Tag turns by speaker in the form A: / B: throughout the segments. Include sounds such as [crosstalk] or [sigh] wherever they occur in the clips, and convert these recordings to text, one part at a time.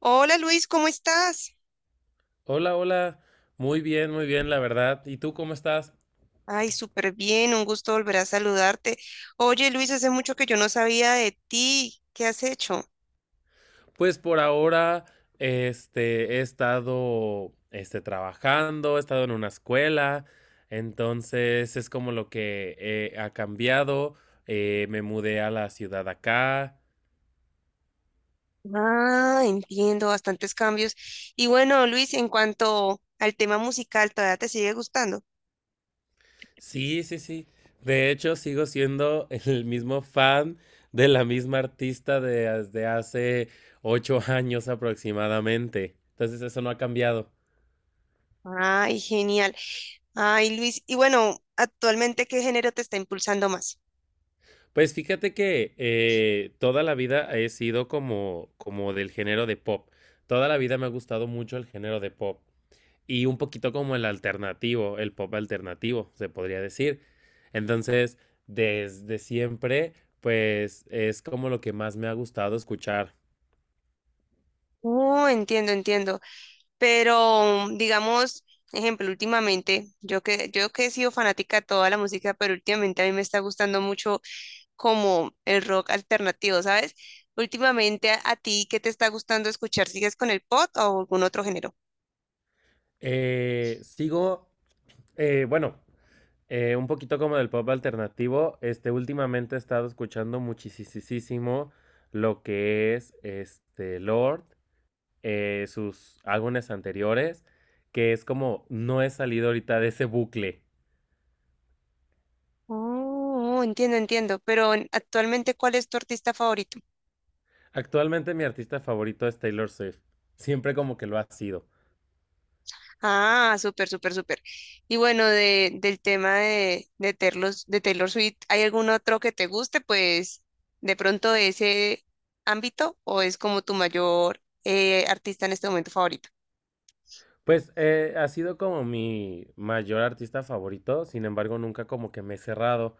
A: Hola Luis, ¿cómo estás?
B: Hola, hola. Muy bien, la verdad. ¿Y tú cómo estás?
A: Ay, súper bien, un gusto volver a saludarte. Oye Luis, hace mucho que yo no sabía de ti. ¿Qué has hecho?
B: Pues por ahora, he estado, trabajando, he estado en una escuela, entonces es como lo que ha cambiado. Me mudé a la ciudad acá.
A: Ah, entiendo, bastantes cambios. Y bueno, Luis, en cuanto al tema musical, ¿todavía te sigue gustando?
B: Sí, sí, sí. De hecho, sigo siendo [laughs] el mismo fan de la misma artista desde hace 8 años aproximadamente. Entonces eso no ha cambiado.
A: Ay, genial. Ay, Luis, y bueno, actualmente, ¿qué género te está impulsando más?
B: Pues fíjate que, toda la vida he sido como del género de pop. Toda la vida me ha gustado mucho el género de pop, y un poquito como el alternativo, el pop alternativo, se podría decir. Entonces, desde siempre, pues, es como lo que más me ha gustado escuchar.
A: Oh, entiendo, entiendo. Pero digamos, ejemplo, últimamente, yo que he sido fanática de toda la música, pero últimamente a mí me está gustando mucho como el rock alternativo, ¿sabes? Últimamente a ti, ¿qué te está gustando escuchar? ¿Sigues con el pop o algún otro género?
B: Sigo, bueno, un poquito como del pop alternativo, últimamente he estado escuchando muchisisísimo lo que es, Lord. Sus álbumes anteriores, que es como no he salido ahorita de ese bucle.
A: Oh, entiendo, entiendo. Pero actualmente, ¿cuál es tu artista favorito?
B: Actualmente mi artista favorito es Taylor Swift. Siempre como que lo ha sido.
A: Ah, súper, súper, súper. Y bueno, del tema de Taylor, de Taylor Swift, ¿hay algún otro que te guste? Pues de pronto de ese ámbito o es como tu mayor artista en este momento favorito.
B: Pues ha sido como mi mayor artista favorito, sin embargo nunca como que me he cerrado.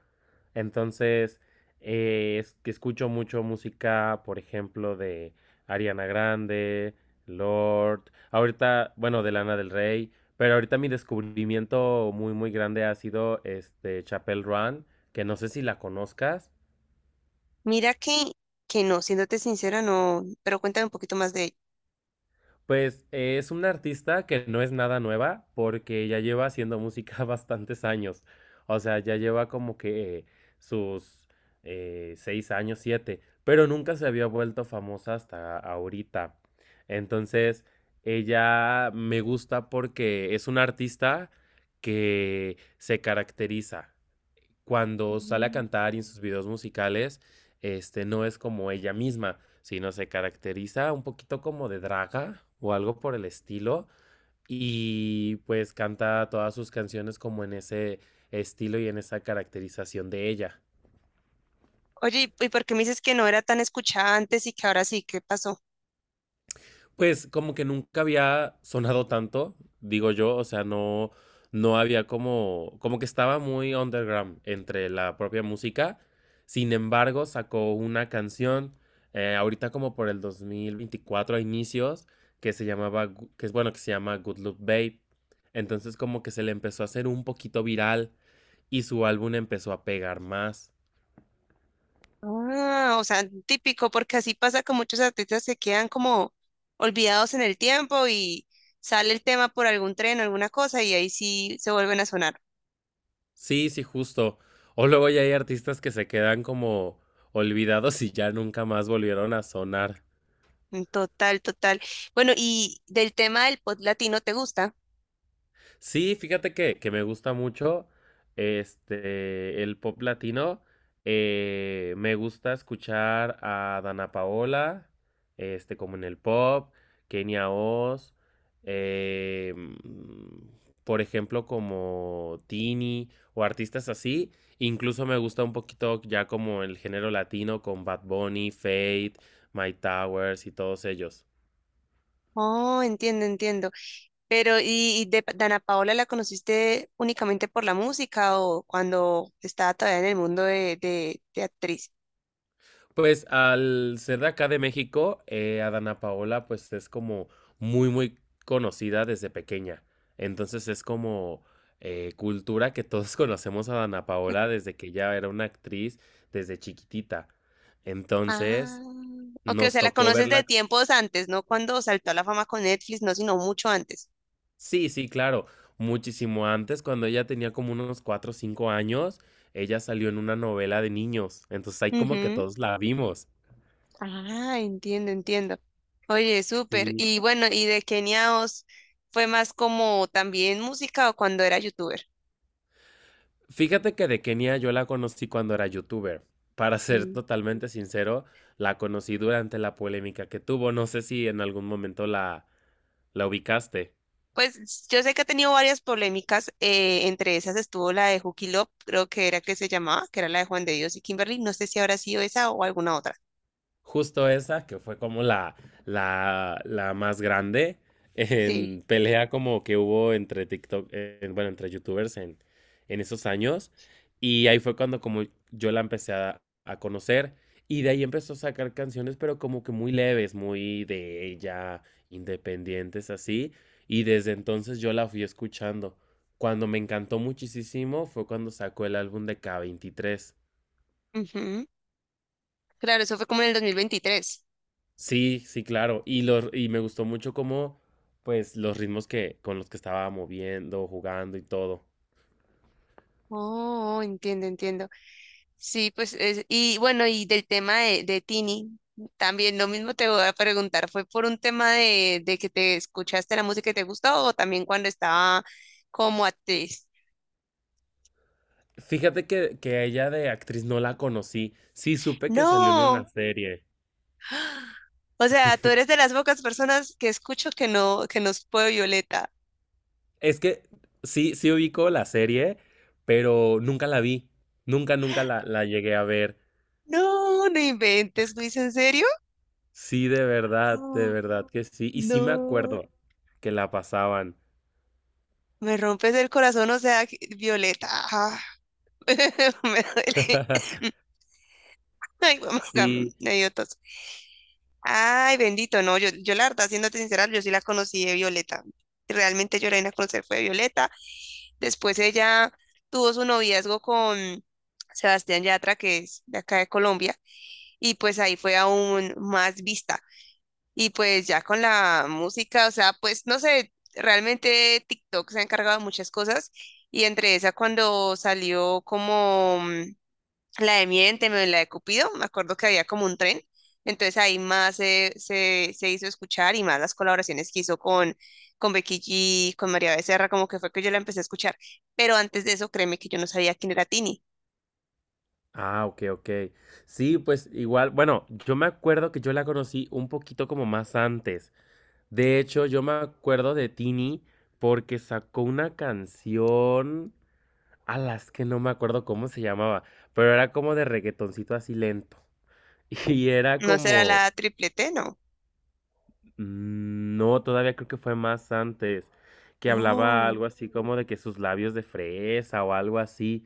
B: Entonces, es que escucho mucho música, por ejemplo, de Ariana Grande, Lord, ahorita, bueno, de Lana del Rey, pero ahorita mi descubrimiento muy, muy grande ha sido este Chapel Run, que no sé si la conozcas.
A: Mira que no, siéndote sincera, no, pero cuéntame un poquito más de ella.
B: Pues es una artista que no es nada nueva porque ya lleva haciendo música [laughs] bastantes años. O sea, ya lleva como que sus 6 años, siete, pero nunca se había vuelto famosa hasta ahorita. Entonces, ella me gusta porque es una artista que se caracteriza cuando sale a cantar y en sus videos musicales, no es como ella misma, sino se caracteriza un poquito como de draga o algo por el estilo. Y pues canta todas sus canciones como en ese estilo y en esa caracterización de ella.
A: Oye, ¿y por qué me dices que no era tan escuchada antes y que ahora sí? ¿Qué pasó?
B: Pues como que nunca había sonado tanto, digo yo, o sea, no, no había como, como que estaba muy underground entre la propia música. Sin embargo, sacó una canción ahorita como por el 2024 a inicios, que se llamaba, que es bueno, que se llama Good Luck Babe. Entonces como que se le empezó a hacer un poquito viral y su álbum empezó a pegar más.
A: Ah, o sea, típico, porque así pasa con muchos artistas que quedan como olvidados en el tiempo y sale el tema por algún tren alguna cosa y ahí sí se vuelven a sonar.
B: Sí, sí, justo. O luego ya hay artistas que se quedan como olvidados y ya nunca más volvieron a sonar.
A: Total, total. Bueno, y del tema del pop latino, ¿te gusta?
B: Sí, fíjate que me gusta mucho este el pop latino. Me gusta escuchar a Dana Paola, como en el pop, Kenia Oz, eh, mm, por ejemplo, como Tini o artistas así. Incluso me gusta un poquito ya como el género latino con Bad Bunny, Fate, My Towers y todos ellos.
A: Oh, entiendo, entiendo. Pero, y de Dana Paola la conociste únicamente por la música o cuando estaba todavía en el mundo de actriz?
B: Pues al ser de acá de México, Adana Paola pues es como muy muy conocida desde pequeña. Entonces es como cultura que todos [laughs] conocemos a Adana Paola desde que ya era una actriz desde chiquitita.
A: Ah,
B: Entonces
A: ok, o
B: nos
A: sea, la
B: tocó
A: conoces de
B: verla.
A: tiempos antes, no cuando saltó a la fama con Netflix, no, sino mucho antes.
B: Sí, sí, claro. Muchísimo antes, cuando ella tenía como unos cuatro o 5 años, ella salió en una novela de niños. Entonces ahí como que
A: Ujú.
B: todos la vimos.
A: Ah, entiendo, entiendo. Oye, súper.
B: Sí.
A: Y bueno, ¿y de Kenia Os fue más como también música o cuando era youtuber?
B: Fíjate que de Kenia yo la conocí cuando era youtuber. Para ser
A: Mm.
B: totalmente sincero, la conocí durante la polémica que tuvo. No sé si en algún momento la ubicaste.
A: Pues yo sé que ha tenido varias polémicas, entre esas estuvo la de Juki Love, creo que era que se llamaba, que era la de Juan de Dios y Kimberly, no sé si habrá sido esa o alguna otra.
B: Justo esa, que fue como la más grande
A: Sí.
B: en pelea como que hubo entre TikTok, bueno, entre youtubers en esos años. Y ahí fue cuando como yo la empecé a conocer. Y de ahí empezó a sacar canciones, pero como que muy leves, muy de ella, independientes, así. Y desde entonces yo la fui escuchando. Cuando me encantó muchísimo fue cuando sacó el álbum de K23.
A: Ujú. Claro, eso fue como en el 2023.
B: Sí, sí, claro. Y los, y me gustó mucho cómo, pues, los ritmos que, con los que estaba moviendo, jugando y todo.
A: Oh, entiendo, entiendo. Sí, pues, y bueno, y del tema de Tini, también lo mismo te voy a preguntar, ¿fue por un tema de que te escuchaste la música y te gustó o también cuando estaba como actriz?
B: Fíjate que a ella de actriz no la conocí. Sí, supe que salió en una
A: No,
B: serie.
A: [gasps] o sea, tú eres de las pocas personas que escucho que no, que nos fue Violeta.
B: Es que sí, sí ubico la serie, pero nunca la vi. Nunca, nunca la llegué a ver.
A: No, no inventes, Luis, ¿en serio?
B: Sí, de
A: Ah,
B: verdad que sí. Y sí me
A: no,
B: acuerdo que la pasaban.
A: me rompes el corazón, o sea, Violeta, ah, [laughs] me duele. [coughs]
B: [laughs]
A: Ay, mamá,
B: Sí.
A: me dio tos. Ay, bendito, no, yo la verdad, siéndote sincera, yo sí la conocí de Violeta. Realmente yo la vine a conocer fue de Violeta. Después ella tuvo su noviazgo con Sebastián Yatra, que es de acá de Colombia, y pues ahí fue aún más vista. Y pues ya con la música, o sea, pues no sé, realmente TikTok se ha encargado de muchas cosas, y entre esa, cuando salió como la de Miénteme, la de Cupido, me acuerdo que había como un tren, entonces ahí más se hizo escuchar y más las colaboraciones que hizo con Becky G, con María Becerra, como que fue que yo la empecé a escuchar, pero antes de eso créeme que yo no sabía quién era Tini,
B: Ah, ok, ok. Sí, pues igual, bueno, yo me acuerdo que yo la conocí un poquito como más antes. De hecho, yo me acuerdo de Tini porque sacó una canción a las que no me acuerdo cómo se llamaba, pero era como de reggaetoncito así lento. [laughs] Y era
A: no será
B: como,
A: la triplete, no.
B: Mm, no, todavía creo que fue más antes, que hablaba
A: Oh,
B: algo así como de que sus labios de fresa o algo así,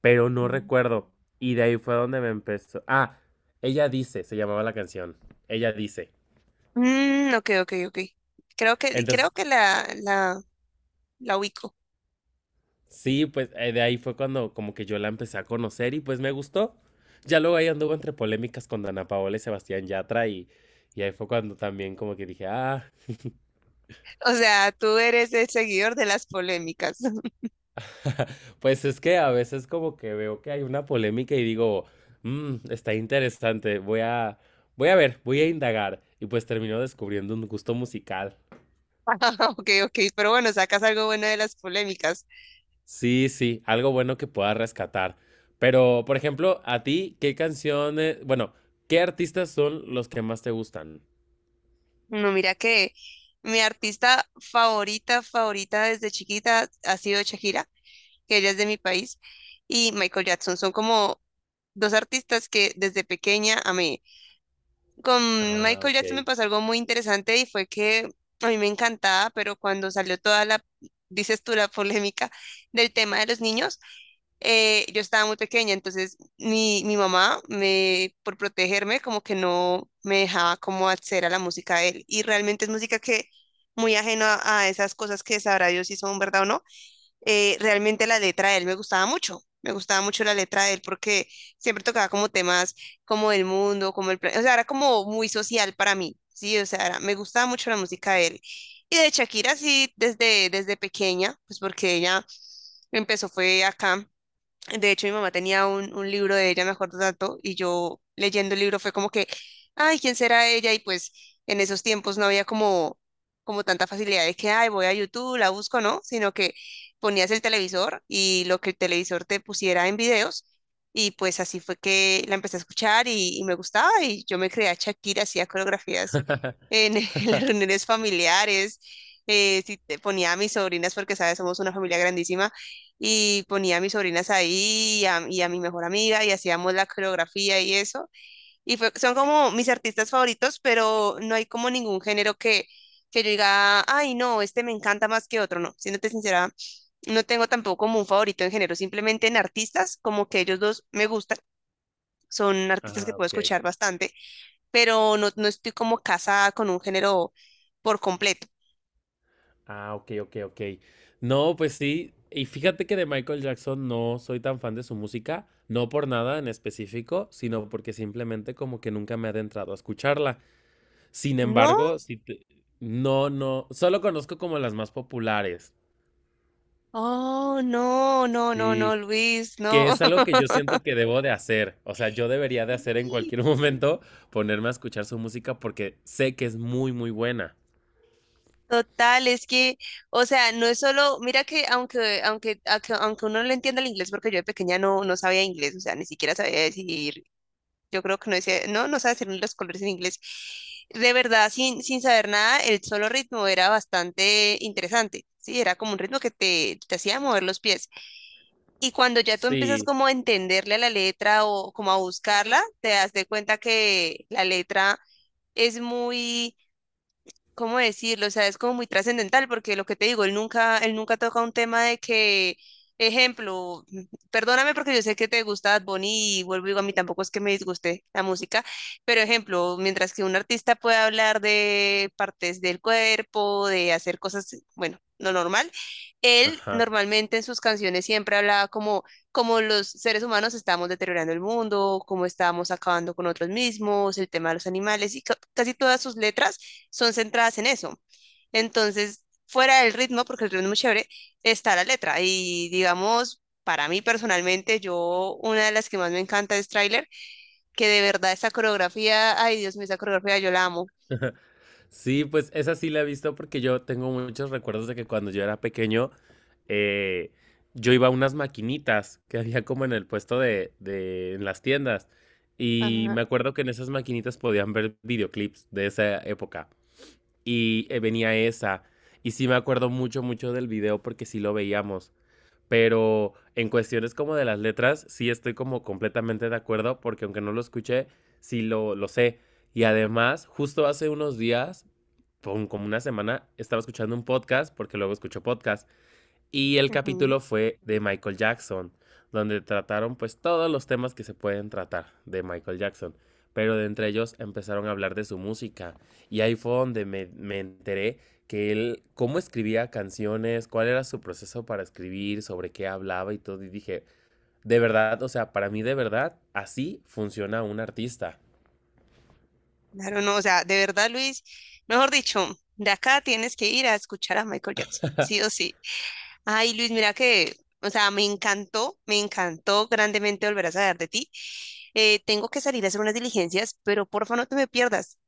B: pero no
A: mm.
B: recuerdo. Y de ahí fue donde me empezó. Ah, ella dice, se llamaba la canción. Ella dice.
A: Mm, ok, ok, ok. Creo
B: Entonces,
A: que la ubico.
B: sí, pues de ahí fue cuando como que yo la empecé a conocer y pues me gustó. Ya luego ahí anduvo entre polémicas con Dana Paola y Sebastián Yatra y ahí fue cuando también como que dije, ah. [laughs]
A: O sea, tú eres el seguidor de las polémicas. [laughs]
B: [laughs] Pues es que a veces como que veo que hay una polémica y digo, "Mm, está interesante, voy voy a ver, voy a indagar". Y pues termino descubriendo un gusto musical.
A: Ah, ok, ok, pero bueno, sacas algo bueno de las polémicas.
B: Sí, sí, algo bueno que pueda rescatar. Pero, por ejemplo, a ti, ¿qué canciones, bueno, qué artistas son los que más te gustan?
A: No, mira que mi artista favorita, favorita desde chiquita ha sido Shakira, que ella es de mi país, y Michael Jackson. Son como dos artistas que desde pequeña amé. Con
B: Ah,
A: Michael
B: ok.
A: Jackson me pasó algo muy interesante y fue que a mí me encantaba, pero cuando salió toda la, dices tú, la polémica del tema de los niños, yo estaba muy pequeña, entonces mi mamá, me, por protegerme, como que no me dejaba como acceder a la música de él. Y realmente es música que muy ajena a esas cosas que sabrá Dios si son verdad o no. Realmente la letra de él me gustaba mucho. Me gustaba mucho la letra de él porque siempre tocaba como temas como el mundo, como el plan, o sea, era como muy social para mí, sí, o sea, me gustaba mucho la música de él. Y de Shakira sí, desde pequeña, pues porque ella empezó fue acá de hecho, mi mamá tenía un libro de ella, me acuerdo tanto, y yo leyendo el libro fue como que, ay, ¿quién será ella? Y pues en esos tiempos no había como, como tanta facilidad de que, ay, voy a YouTube, la busco, ¿no? Sino que ponías el televisor y lo que el televisor te pusiera en videos, y pues así fue que la empecé a escuchar y me gustaba, y yo me creía a Shakira, hacía coreografías en, [laughs] en las
B: [laughs]
A: reuniones familiares, si te ponía a mis sobrinas, porque, ¿sabes? Somos una familia grandísima y ponía a mis sobrinas ahí y y a mi mejor amiga y hacíamos la coreografía y eso. Son como mis artistas favoritos, pero no hay como ningún género que yo diga, ay, no, este me encanta más que otro, no. Siéndote sincera, no tengo tampoco como un favorito en género, simplemente en artistas, como que ellos dos me gustan. Son artistas que
B: Ah,
A: puedo
B: ok.
A: escuchar bastante, pero no, no estoy como casada con un género por completo.
B: Ah, ok, ok, ok. No, pues sí. Y fíjate que de Michael Jackson no soy tan fan de su música, no por nada en específico, sino porque simplemente como que nunca me he adentrado a escucharla. Sin
A: No,
B: embargo, no, no, solo conozco como las más populares.
A: oh, no, no, no, no,
B: Sí,
A: Luis,
B: que
A: no.
B: es algo
A: [laughs]
B: que yo siento que debo de hacer. O sea, yo debería de hacer en
A: Sí,
B: cualquier [laughs] momento ponerme a escuchar su música porque sé que es muy, muy buena.
A: total, es que, o sea, no es solo, mira que aunque uno no le entienda el inglés, porque yo de pequeña no, no sabía inglés, o sea, ni siquiera sabía decir, yo creo que no decía, no, no sabía decir ni los colores en inglés. De verdad, sin saber nada, el solo ritmo era bastante interesante, sí, era como un ritmo que te hacía mover los pies. Y cuando ya tú empiezas
B: Sí.
A: como a entenderle a la letra o como a buscarla, te das de cuenta que la letra es muy ¿cómo decirlo? O sea, es como muy trascendental porque lo que te digo, él nunca toca un tema de que, ejemplo, perdóname porque yo sé que te gusta Bad Bunny y vuelvo y digo, a mí tampoco es que me disguste la música, pero ejemplo, mientras que un artista puede hablar de partes del cuerpo, de hacer cosas, bueno, lo normal, él
B: Ajá.
A: normalmente en sus canciones siempre hablaba como, como los seres humanos estamos deteriorando el mundo, cómo estamos acabando con otros mismos, el tema de los animales y casi todas sus letras son centradas en eso. Entonces, fuera del ritmo, porque el ritmo es muy chévere, está la letra. Y digamos, para mí personalmente, yo una de las que más me encanta es Trailer, que de verdad esa coreografía, ay Dios mío, esa coreografía yo la amo.
B: Sí, pues esa sí la he visto porque yo tengo muchos recuerdos de que cuando yo era pequeño, eh, yo iba a unas maquinitas que había como en el puesto de en las tiendas. Y
A: Ajá,
B: me acuerdo que en esas maquinitas podían ver videoclips de esa época. Y venía esa. Y sí me acuerdo mucho, mucho del video porque sí lo veíamos. Pero en cuestiones como de las letras, sí estoy como completamente de acuerdo porque aunque no lo escuché, sí lo sé. Y además, justo hace unos días por como una semana estaba escuchando un podcast, porque luego escucho podcast, y el
A: ujú.
B: capítulo fue de Michael Jackson, donde trataron pues todos los temas que se pueden tratar de Michael Jackson, pero de entre ellos empezaron a hablar de su música, y ahí fue donde me enteré que él, cómo escribía canciones, cuál era su proceso para escribir, sobre qué hablaba y todo, y dije, de verdad, o sea, para mí de verdad, así funciona un artista.
A: Claro, no, o sea, de verdad, Luis, mejor dicho, de acá tienes que ir a escuchar a Michael Jackson, sí o sí. Ay, Luis, mira que, o sea, me encantó grandemente volver a saber de ti. Tengo que salir a hacer unas diligencias, pero porfa no te me pierdas.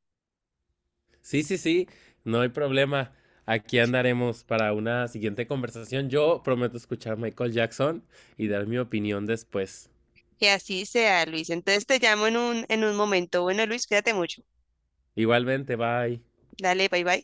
B: Sí, sí, sí, no hay problema. Aquí andaremos para una siguiente conversación. Yo prometo escuchar Michael Jackson y dar mi opinión después.
A: Que así sea, Luis. Entonces te llamo en en un momento. Bueno, Luis, cuídate mucho.
B: Igualmente, bye.
A: Dale, bye bye.